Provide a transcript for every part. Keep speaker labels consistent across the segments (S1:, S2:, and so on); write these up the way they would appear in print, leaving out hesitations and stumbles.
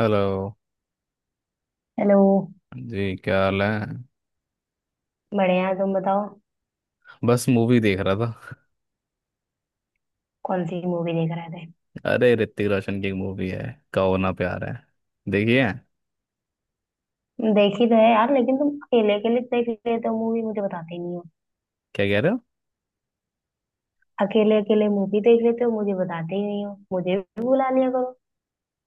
S1: Hello
S2: hello.
S1: जी। क्या हाल है।
S2: बढ़िया, तुम बताओ।
S1: बस मूवी देख रहा था।
S2: कौन सी मूवी देख रहे थे?
S1: अरे ऋतिक रोशन की एक मूवी है। कहो ना प्यार है। देखिए।
S2: देखी तो है यार, लेकिन तुम अकेले अकेले देख लेते हो मूवी, मुझे बताते ही नहीं हो।
S1: क्या कह रहे हो।
S2: अकेले अकेले मूवी देख लेते हो, मुझे बताते ही नहीं हो, मुझे भी बुला लिया करो।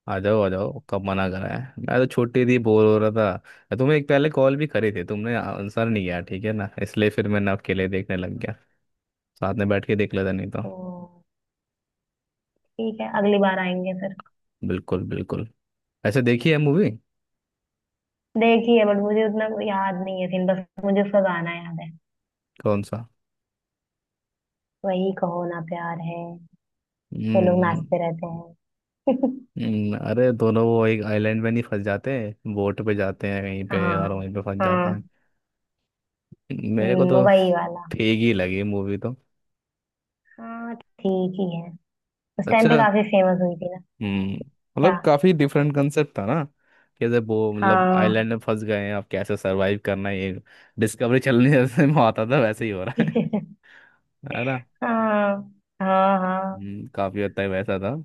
S1: आ जाओ आ जाओ, कब मना करा है। मैं तो छोटी थी, बोर हो रहा था। मैं तुम्हें एक पहले कॉल भी करी थी, तुमने आंसर नहीं किया, ठीक है ना, इसलिए फिर मैं ना अकेले देखने लग गया। साथ में बैठ के देख लेता नहीं तो।
S2: तो ठीक है, अगली बार आएंगे फिर।
S1: बिल्कुल बिल्कुल। ऐसे देखी है मूवी।
S2: देखी है, बट मुझे उतना कोई याद नहीं है सीन, बस मुझे उसका गाना याद है।
S1: कौन सा।
S2: वही, कहो ना प्यार है। वो लोग
S1: हम्म।
S2: नाचते रहते हैं।
S1: अरे दोनों वो एक आइलैंड में नहीं फंस जाते। बोट पे जाते हैं कहीं पे और
S2: हाँ।
S1: वहीं पे फंस जाते
S2: हाँ।
S1: हैं। मेरे को तो।
S2: वही वाला।
S1: ठीक ही लगी मूवी तो।
S2: हाँ, ठीक ही है। उस टाइम पे
S1: अच्छा।
S2: काफी फेमस हुई थी ना।
S1: हम्म।
S2: क्या?
S1: मतलब काफी डिफरेंट कंसेप्ट था ना। कैसे वो मतलब
S2: हाँ।
S1: आइलैंड में फंस गए हैं, अब कैसे सरवाइव करना है, ये। डिस्कवरी चलने जैसे में आता था वैसे ही हो रहा है।
S2: हाँ।
S1: है ना।
S2: हाँ। हाँ।
S1: काफी हद तक वैसा था।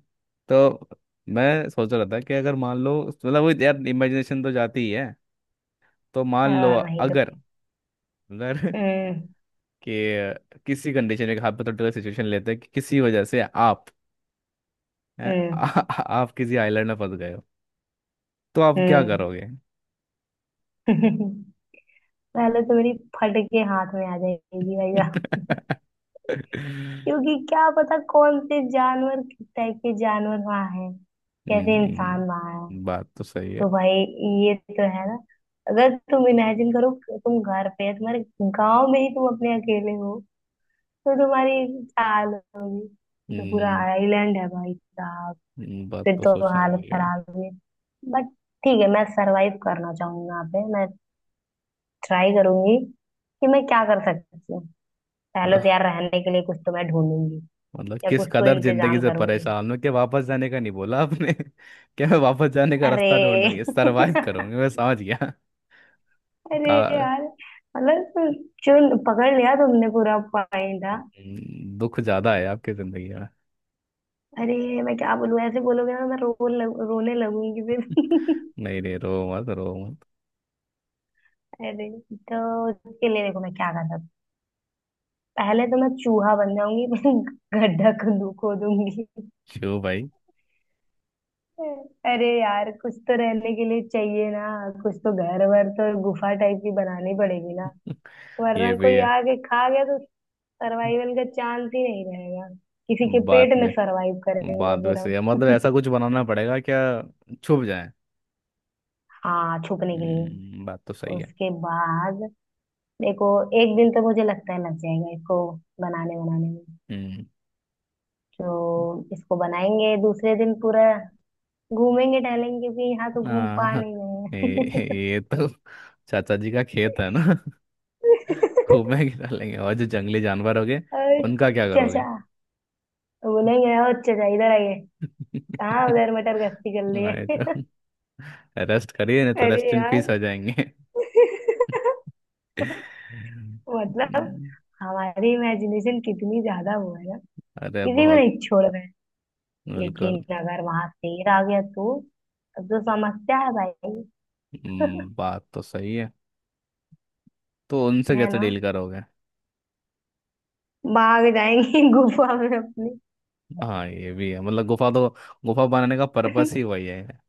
S1: तो मैं सोच रहा था कि अगर मान लो मतलब वो यार इमेजिनेशन तो जाती ही है। तो मान लो।
S2: और नहीं तो
S1: अगर
S2: क्या।
S1: अगर
S2: हम्म।
S1: कि किसी कंडीशन में हाइपोथेटिकल सिचुएशन लेते हैं कि किसी वजह से आप। हैं? आ,
S2: हम्म।
S1: आ- आप किसी आइलैंड में फंस गए हो। तो आप क्या
S2: हम्म।
S1: करोगे।
S2: पहले तो मेरी फट के हाथ में आ जाएगी भाई साहब। क्योंकि क्या पता कौन से जानवर, किस टाइप के जानवर वहां है, कैसे इंसान वहां है।
S1: बात तो सही है।
S2: तो भाई, ये तो है ना। अगर तुम इमेजिन करो कि तुम घर पे है तुम्हारे, गांव में ही तुम अपने अकेले हो, तो तुम्हारी चाल होगी। ये तो पूरा
S1: हम्म।
S2: आइलैंड है भाई साहब।
S1: बात
S2: फिर
S1: तो
S2: तो
S1: सोचने
S2: हालत
S1: वाली है
S2: खराब हुई। बट ठीक है, मैं सरवाइव करना चाहूंगा। यहाँ पे मैं ट्राई करूंगी कि मैं क्या कर सकती हूँ। पहले तो
S1: वाह।
S2: यार रहने के लिए कुछ तो मैं ढूंढूंगी,
S1: मतलब
S2: या
S1: किस
S2: कुछ तो
S1: कदर जिंदगी
S2: इंतजाम
S1: से
S2: करूंगी।
S1: परेशान हो कि वापस जाने का नहीं बोला आपने क्या मैं वापस जाने का
S2: अरे।
S1: रास्ता ढूंढूंगी सरवाइव करूंगी, मैं समझ गया
S2: अरे
S1: का।
S2: यार। मतलब चुन पकड़ लिया तुमने पूरा पॉइंट, हाँ।
S1: दुख ज्यादा है आपकी जिंदगी में।
S2: अरे मैं क्या बोलूँ, ऐसे बोलोगे ना मैं रोने लगूंगी फिर।
S1: नहीं नहीं रो मत रो मत।
S2: अरे। तो उसके लिए देखो मैं क्या कर सकती हूँ। पहले तो मैं चूहा बन जाऊंगी। फिर गड्ढा खोदूंगी।
S1: शिव भाई।
S2: अरे यार कुछ तो रहने के लिए चाहिए ना। कुछ तो घर वर, तो गुफा टाइप की बनानी पड़ेगी ना।
S1: ये
S2: वरना
S1: भी
S2: कोई
S1: है।
S2: आके खा गया तो सर्वाइवल का चांस ही नहीं रहेगा। किसी के पेट
S1: बात
S2: में
S1: भी
S2: सर्वाइव करेंगे
S1: बात भी
S2: फिर
S1: सही है, मतलब
S2: हम।
S1: ऐसा कुछ बनाना पड़ेगा क्या, छुप जाए।
S2: हाँ, छुपने के लिए।
S1: बात तो सही है।
S2: उसके बाद देखो, एक दिन तो मुझे लगता है लग जाएगा इसको बनाने बनाने में।
S1: हम्म।
S2: तो इसको बनाएंगे, दूसरे दिन पूरा घूमेंगे, टहलेंगे भी। यहाँ तो घूम पा
S1: आ,
S2: नहीं रहे हैं।
S1: ये तो चाचा जी का खेत है ना। खूब में गिरा लेंगे, और जो जंगली जानवर हो गए
S2: और
S1: उनका क्या
S2: चचा
S1: करोगे।
S2: भूलेंगे, और चचा इधर आइए, कहाँ उधर मटर गश्ती कर
S1: हाँ, ये तो।
S2: लिए।
S1: रेस्ट करिए नहीं तो रेस्ट
S2: अरे
S1: इन
S2: यार।
S1: पीस हो जाएंगे।
S2: मतलब
S1: हम्म,
S2: हमारी इमेजिनेशन कितनी ज्यादा वो है ना,
S1: अरे
S2: किसी को
S1: बहुत।
S2: नहीं छोड़ रहे।
S1: बिल्कुल।
S2: लेकिन अगर वहां शेर आ गया तो? अब तो समस्या है भाई।
S1: बात तो सही है। तो उनसे
S2: है
S1: कैसे
S2: ना।
S1: डील करोगे।
S2: भाग जाएंगे गुफा में अपनी।
S1: हाँ ये भी है, मतलब गुफा तो गुफा बनाने का पर्पस ही वही है।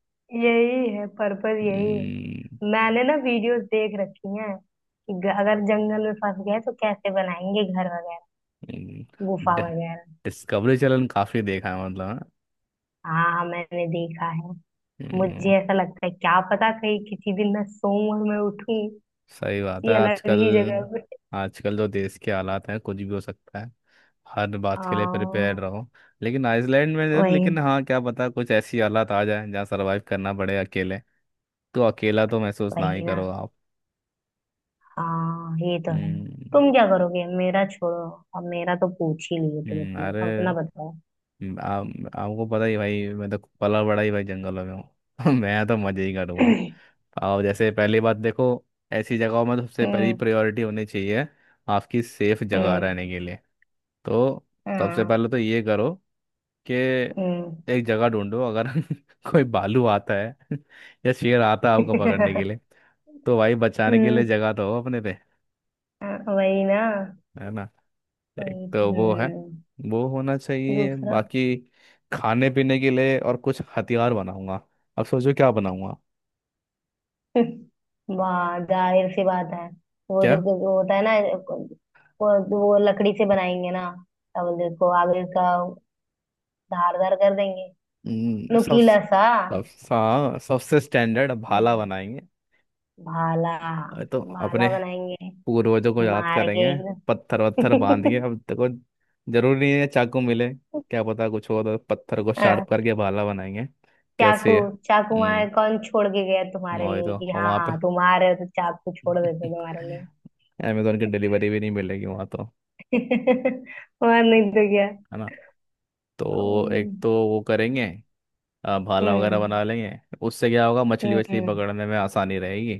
S2: यही है पर्पस, यही है।
S1: हम्म।
S2: मैंने ना वीडियोस देख रखी हैं कि अगर जंगल में फंस गए तो कैसे बनाएंगे घर वगैरह,
S1: हम्म।
S2: गुफा
S1: डि-
S2: वगैरह।
S1: डिस्कवरी चैनल काफी देखा है मतलब हाँ?
S2: हाँ, मैंने देखा है। मुझे
S1: हम्म।
S2: ऐसा लगता है, क्या पता कहीं किसी दिन मैं सोऊं और मैं उठूं
S1: सही बात है।
S2: ये अलग ही जगह
S1: आजकल
S2: पे।
S1: आजकल जो देश के हालात हैं, कुछ भी हो सकता है, हर बात के लिए प्रिपेयर
S2: हाँ।
S1: रहो। लेकिन आइसलैंड में
S2: वही।
S1: लेकिन हाँ क्या पता कुछ ऐसी हालात आ जाए जहाँ सरवाइव करना पड़े अकेले। तो अकेला तो महसूस ना ही
S2: वही ना।
S1: करो आप।
S2: हाँ, ये तो है।
S1: हम्म।
S2: तुम क्या करोगे, मेरा छोड़ो। अब मेरा तो पूछ ही लिए, तुम
S1: अरे।
S2: अपना अपना बताओ।
S1: आप आपको पता ही भाई, मैं तो पला बड़ा ही भाई जंगलों में हूँ मैं तो मजे ही करूँगा। आप जैसे पहली बात देखो, ऐसी जगहों में तो सबसे पहली
S2: हम्म।
S1: प्रायोरिटी होनी चाहिए आपकी सेफ जगह
S2: हम्म।
S1: रहने के लिए। तो सबसे
S2: हाँ,
S1: पहले तो ये करो कि
S2: हम्म।
S1: एक जगह ढूंढो, अगर कोई भालू आता है या शेर आता है आपको पकड़ने के लिए, तो भाई बचाने के
S2: हम्म,
S1: लिए जगह तो हो अपने पे।
S2: हाँ, वही ना।
S1: है ना। एक
S2: वही,
S1: तो वो है,
S2: हम्म।
S1: वो होना चाहिए,
S2: दूसरा?
S1: बाकी खाने पीने के लिए और कुछ हथियार बनाऊंगा, अब सोचो क्या बनाऊंगा।
S2: वाह, जाहिर सी बात है। वो जो
S1: क्या।
S2: जो होता है ना, वो लकड़ी से बनाएंगे ना, क्या बोलते हैं उसको, आगे उसका धारदार कर देंगे,
S1: सब
S2: नुकीला सा।
S1: सब हाँ, सबसे स्टैंडर्ड भाला
S2: हम्म,
S1: बनाएंगे।
S2: भाला।
S1: और तो अपने
S2: भाला बनाएंगे।
S1: पूर्वजों को याद
S2: मार के
S1: करेंगे,
S2: एकदम।
S1: पत्थर वत्थर बांध के, अब देखो जरूरी नहीं है चाकू मिले, क्या पता कुछ हो, तो पत्थर को
S2: हाँ,
S1: शार्प करके भाला बनाएंगे।
S2: चाकू।
S1: कैसे है।
S2: चाकू
S1: हम्म
S2: वहां कौन छोड़ के गया तुम्हारे
S1: वही
S2: लिए
S1: तो।
S2: कि
S1: और
S2: हाँ
S1: वहाँ पे
S2: हाँ तुम आ रहे हो तो चाकू छोड़ देते तुम्हारे लिए।
S1: अमेजोन की डिलीवरी भी नहीं मिलेगी वहाँ तो।
S2: और नहीं तो क्या।
S1: है ना। तो एक
S2: हम्म।
S1: तो वो करेंगे। भाला वगैरह
S2: हम्म।
S1: बना लेंगे। उससे क्या होगा, मछली वछली
S2: हम्म,
S1: पकड़ने में आसानी रहेगी।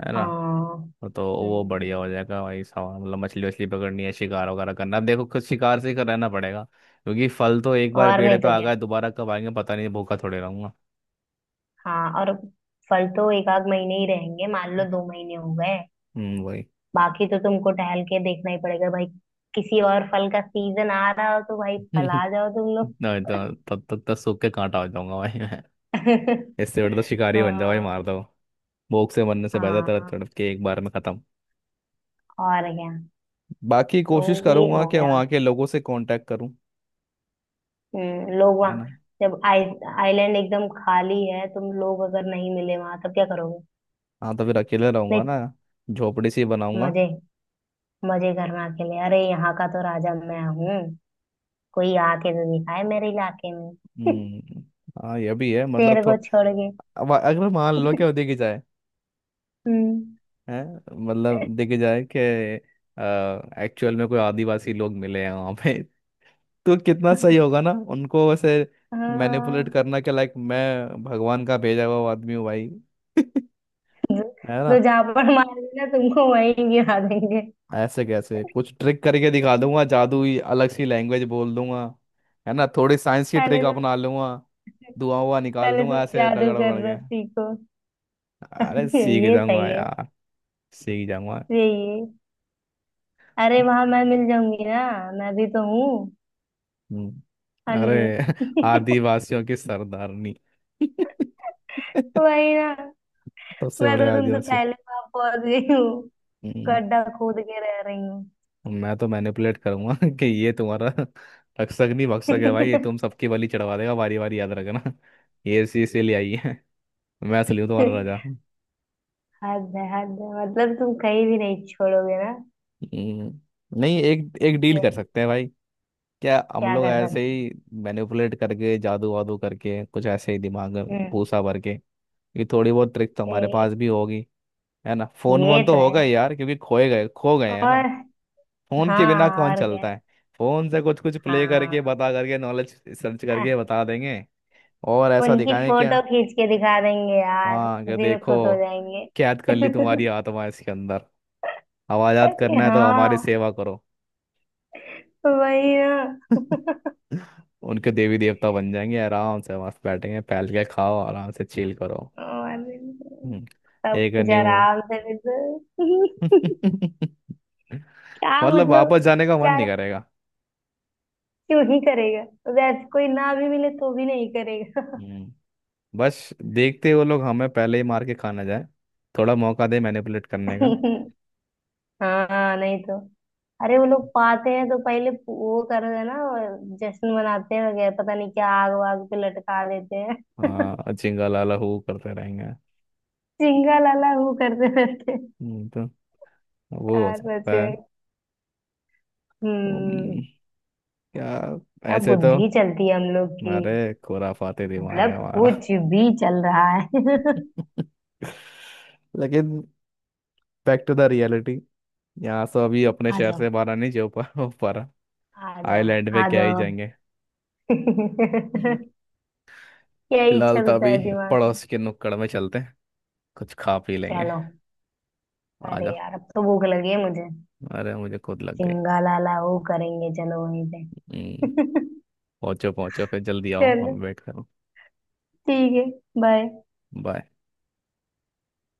S1: है ना।
S2: हाँ।
S1: तो वो बढ़िया
S2: हम्म।
S1: हो जाएगा भाई साहब, मतलब मछली वछली पकड़नी है, शिकार वगैरह करना, अब देखो कुछ शिकार से ही कर रहना पड़ेगा क्योंकि फल तो एक बार
S2: और
S1: पेड़
S2: नहीं
S1: पे
S2: तो
S1: आ
S2: क्या।
S1: गया, दोबारा कब आएंगे पता नहीं, भूखा थोड़े रहूंगा।
S2: हाँ और, फल तो एक आध महीने ही रहेंगे, मान लो दो महीने हो गए।
S1: वही
S2: बाकी तो तुमको टहल के देखना ही पड़ेगा भाई। किसी और फल का सीजन आ रहा हो तो भाई, फल आ जाओ तुम लोग।
S1: नहीं तो तब तक तो सूख के कांटा हो जाऊंगा भाई मैं। इससे बेटर तो शिकारी बन जाओ भाई,
S2: हाँ।
S1: मार दो, भूख से मरने से बेहतर तड़प
S2: हाँ
S1: तड़प के एक बार में खत्म।
S2: और क्या।
S1: बाकी
S2: तो
S1: कोशिश
S2: ये
S1: करूंगा
S2: हो
S1: कि
S2: गया।
S1: वहाँ के लोगों से कांटेक्ट करूँ।
S2: हम्म, लोग
S1: है
S2: वहाँ।
S1: ना।
S2: जब आई, आइलैंड एकदम खाली है, तुम लोग अगर नहीं मिले वहां तब क्या करोगे?
S1: हाँ, तो फिर अकेले रहूंगा
S2: नहीं।
S1: ना, झोपड़ी सी बनाऊंगा।
S2: मजे, मजे करना के लिए। अरे यहाँ का तो राजा मैं हूँ, कोई आके तो दिखाए मेरे इलाके में।
S1: हम्म। हाँ ये भी है, मतलब
S2: तेरे को छोड़ के।
S1: थोड़ा। अब अगर मान लो कि वो देखी जाए
S2: हम्म।
S1: है, मतलब देखी जाए कि एक्चुअल में कोई आदिवासी लोग मिले हैं वहाँ पे तो कितना सही होगा ना उनको वैसे मैनिपुलेट
S2: हाँ।
S1: करना कि लाइक मैं भगवान का भेजा हुआ आदमी हूँ भाई है
S2: तो
S1: ना।
S2: जहां पर मार देना, तुमको वहीं गिरा देंगे।
S1: ऐसे कैसे, कुछ ट्रिक करके दिखा दूंगा, जादू ही अलग सी लैंग्वेज बोल दूंगा। है ना, थोड़ी साइंस की ट्रिक
S2: पहले तो,
S1: अपना लूंगा। धुआं हुआ निकाल
S2: पहले तुम
S1: दूंगा ऐसे
S2: जादू
S1: रगड़ वगड़
S2: करना
S1: के।
S2: सीखो।
S1: अरे सीख
S2: ये
S1: जाऊंगा
S2: सही है।
S1: यार, सीख जाऊंगा।
S2: यही है। अरे वहां मैं मिल जाऊंगी ना, मैं भी तो हूँ।
S1: हम्म,
S2: अंजलि।
S1: अरे आदिवासियों की सरदारनी
S2: वही ना।
S1: सबसे
S2: मैं
S1: बड़े
S2: तो तुमसे
S1: आदिवासी।
S2: पहले वहां पहुंच गई हूँ,
S1: हम्म,
S2: गड्ढा खोद के रह रही हूँ।
S1: मैं तो मैनिपुलेट करूंगा कि ये तुम्हारा रक्षक नहीं भक्षक है भाई, ये तुम सबकी बलि चढ़वा देगा बारी बारी, याद रखना। ये इसीलिए आई है मैं असली हूँ तुम्हारा राजा।
S2: हद है, हद है। मतलब तुम कहीं भी नहीं छोड़ोगे ना।
S1: हम्म, नहीं एक एक डील कर सकते हैं भाई। क्या हम
S2: क्या
S1: लोग
S2: कर
S1: ऐसे
S2: सकते।
S1: ही मैनिपुलेट करके जादू वादू करके कुछ ऐसे ही दिमाग में
S2: हम्म।
S1: पूसा भर के, ये थोड़ी बहुत ट्रिक तो हमारे
S2: ए-
S1: पास भी होगी। है ना, फोन
S2: ये
S1: वोन
S2: तो
S1: तो
S2: है।
S1: होगा ही यार, क्योंकि खोए गए खो गए हैं ना।
S2: और
S1: फोन के बिना
S2: हाँ,
S1: कौन
S2: और क्या।
S1: चलता है। फोन से कुछ कुछ प्ले करके,
S2: हाँ।
S1: बता करके, नॉलेज सर्च
S2: आह,
S1: करके बता देंगे। और ऐसा
S2: उनकी
S1: दिखाएं क्या।
S2: फोटो खींच के दिखा देंगे यार,
S1: हाँ कि
S2: उसी में
S1: देखो,
S2: खुश हो जाएंगे।
S1: कैद कर ली तुम्हारी आत्मा इसके अंदर। आवाजात
S2: अरे
S1: करना है तो हमारी
S2: हाँ,
S1: सेवा करो।
S2: वही ना।
S1: उनके देवी देवता बन जाएंगे, आराम से मस्त बैठेंगे, फैल के खाओ, आराम से चिल करो।
S2: और
S1: हम्म,
S2: सब
S1: एक
S2: कुछ
S1: न्यू
S2: आराम से, बिल्कुल। क्या
S1: मतलब वापस
S2: मतलब।
S1: जाने का मन
S2: क्या,
S1: नहीं करेगा।
S2: क्यों ही करेगा। अगर कोई ना भी मिले तो भी नहीं करेगा।
S1: हम्म, बस देखते वो लोग हमें पहले ही मार के खा ना जाए, थोड़ा मौका दे मैनिपुलेट करने का।
S2: हाँ नहीं तो। अरे वो लोग पाते हैं तो पहले वो कर देना, जश्न मनाते हैं वगैरह, पता नहीं क्या आग वाग पे लटका देते हैं।
S1: हाँ चिंगा लाला हू करते रहेंगे।
S2: चिंगा लाला वो करते रहते हैं।
S1: तो वो हो
S2: यार सच
S1: सकता है।
S2: में।
S1: हम्म,
S2: हम्म।
S1: क्या,
S2: क्या
S1: ऐसे तो,
S2: बुद्धि चलती है हम लोग की,
S1: अरे खुराफाते दिमाग
S2: मतलब
S1: है हमारा
S2: कुछ भी चल रहा है।
S1: लेकिन बैक टू द रियलिटी, यहाँ से अभी अपने
S2: आ
S1: शहर
S2: जाओ।
S1: से बाहर नहीं जा पा हो पा रहा,
S2: आ जाओ।
S1: आइलैंड पे
S2: आ
S1: क्या ही
S2: जाओ।
S1: जाएंगे
S2: क्या ही
S1: फिलहाल तो
S2: चलता
S1: अभी
S2: है दिमाग में।
S1: पड़ोस के नुक्कड़ में चलते हैं, कुछ खा पी लेंगे।
S2: चलो।
S1: आ
S2: अरे
S1: जाओ।
S2: यार अब तो भूख लगी है मुझे।
S1: अरे मुझे खुद लग गई।
S2: चिंगा लाला वो करेंगे, चलो वहीं पे।
S1: हम्म, पहुंचो पहुंचो फिर जल्दी आओ,
S2: चलो,
S1: हम वेट करो।
S2: ठीक है। बाय।
S1: बाय।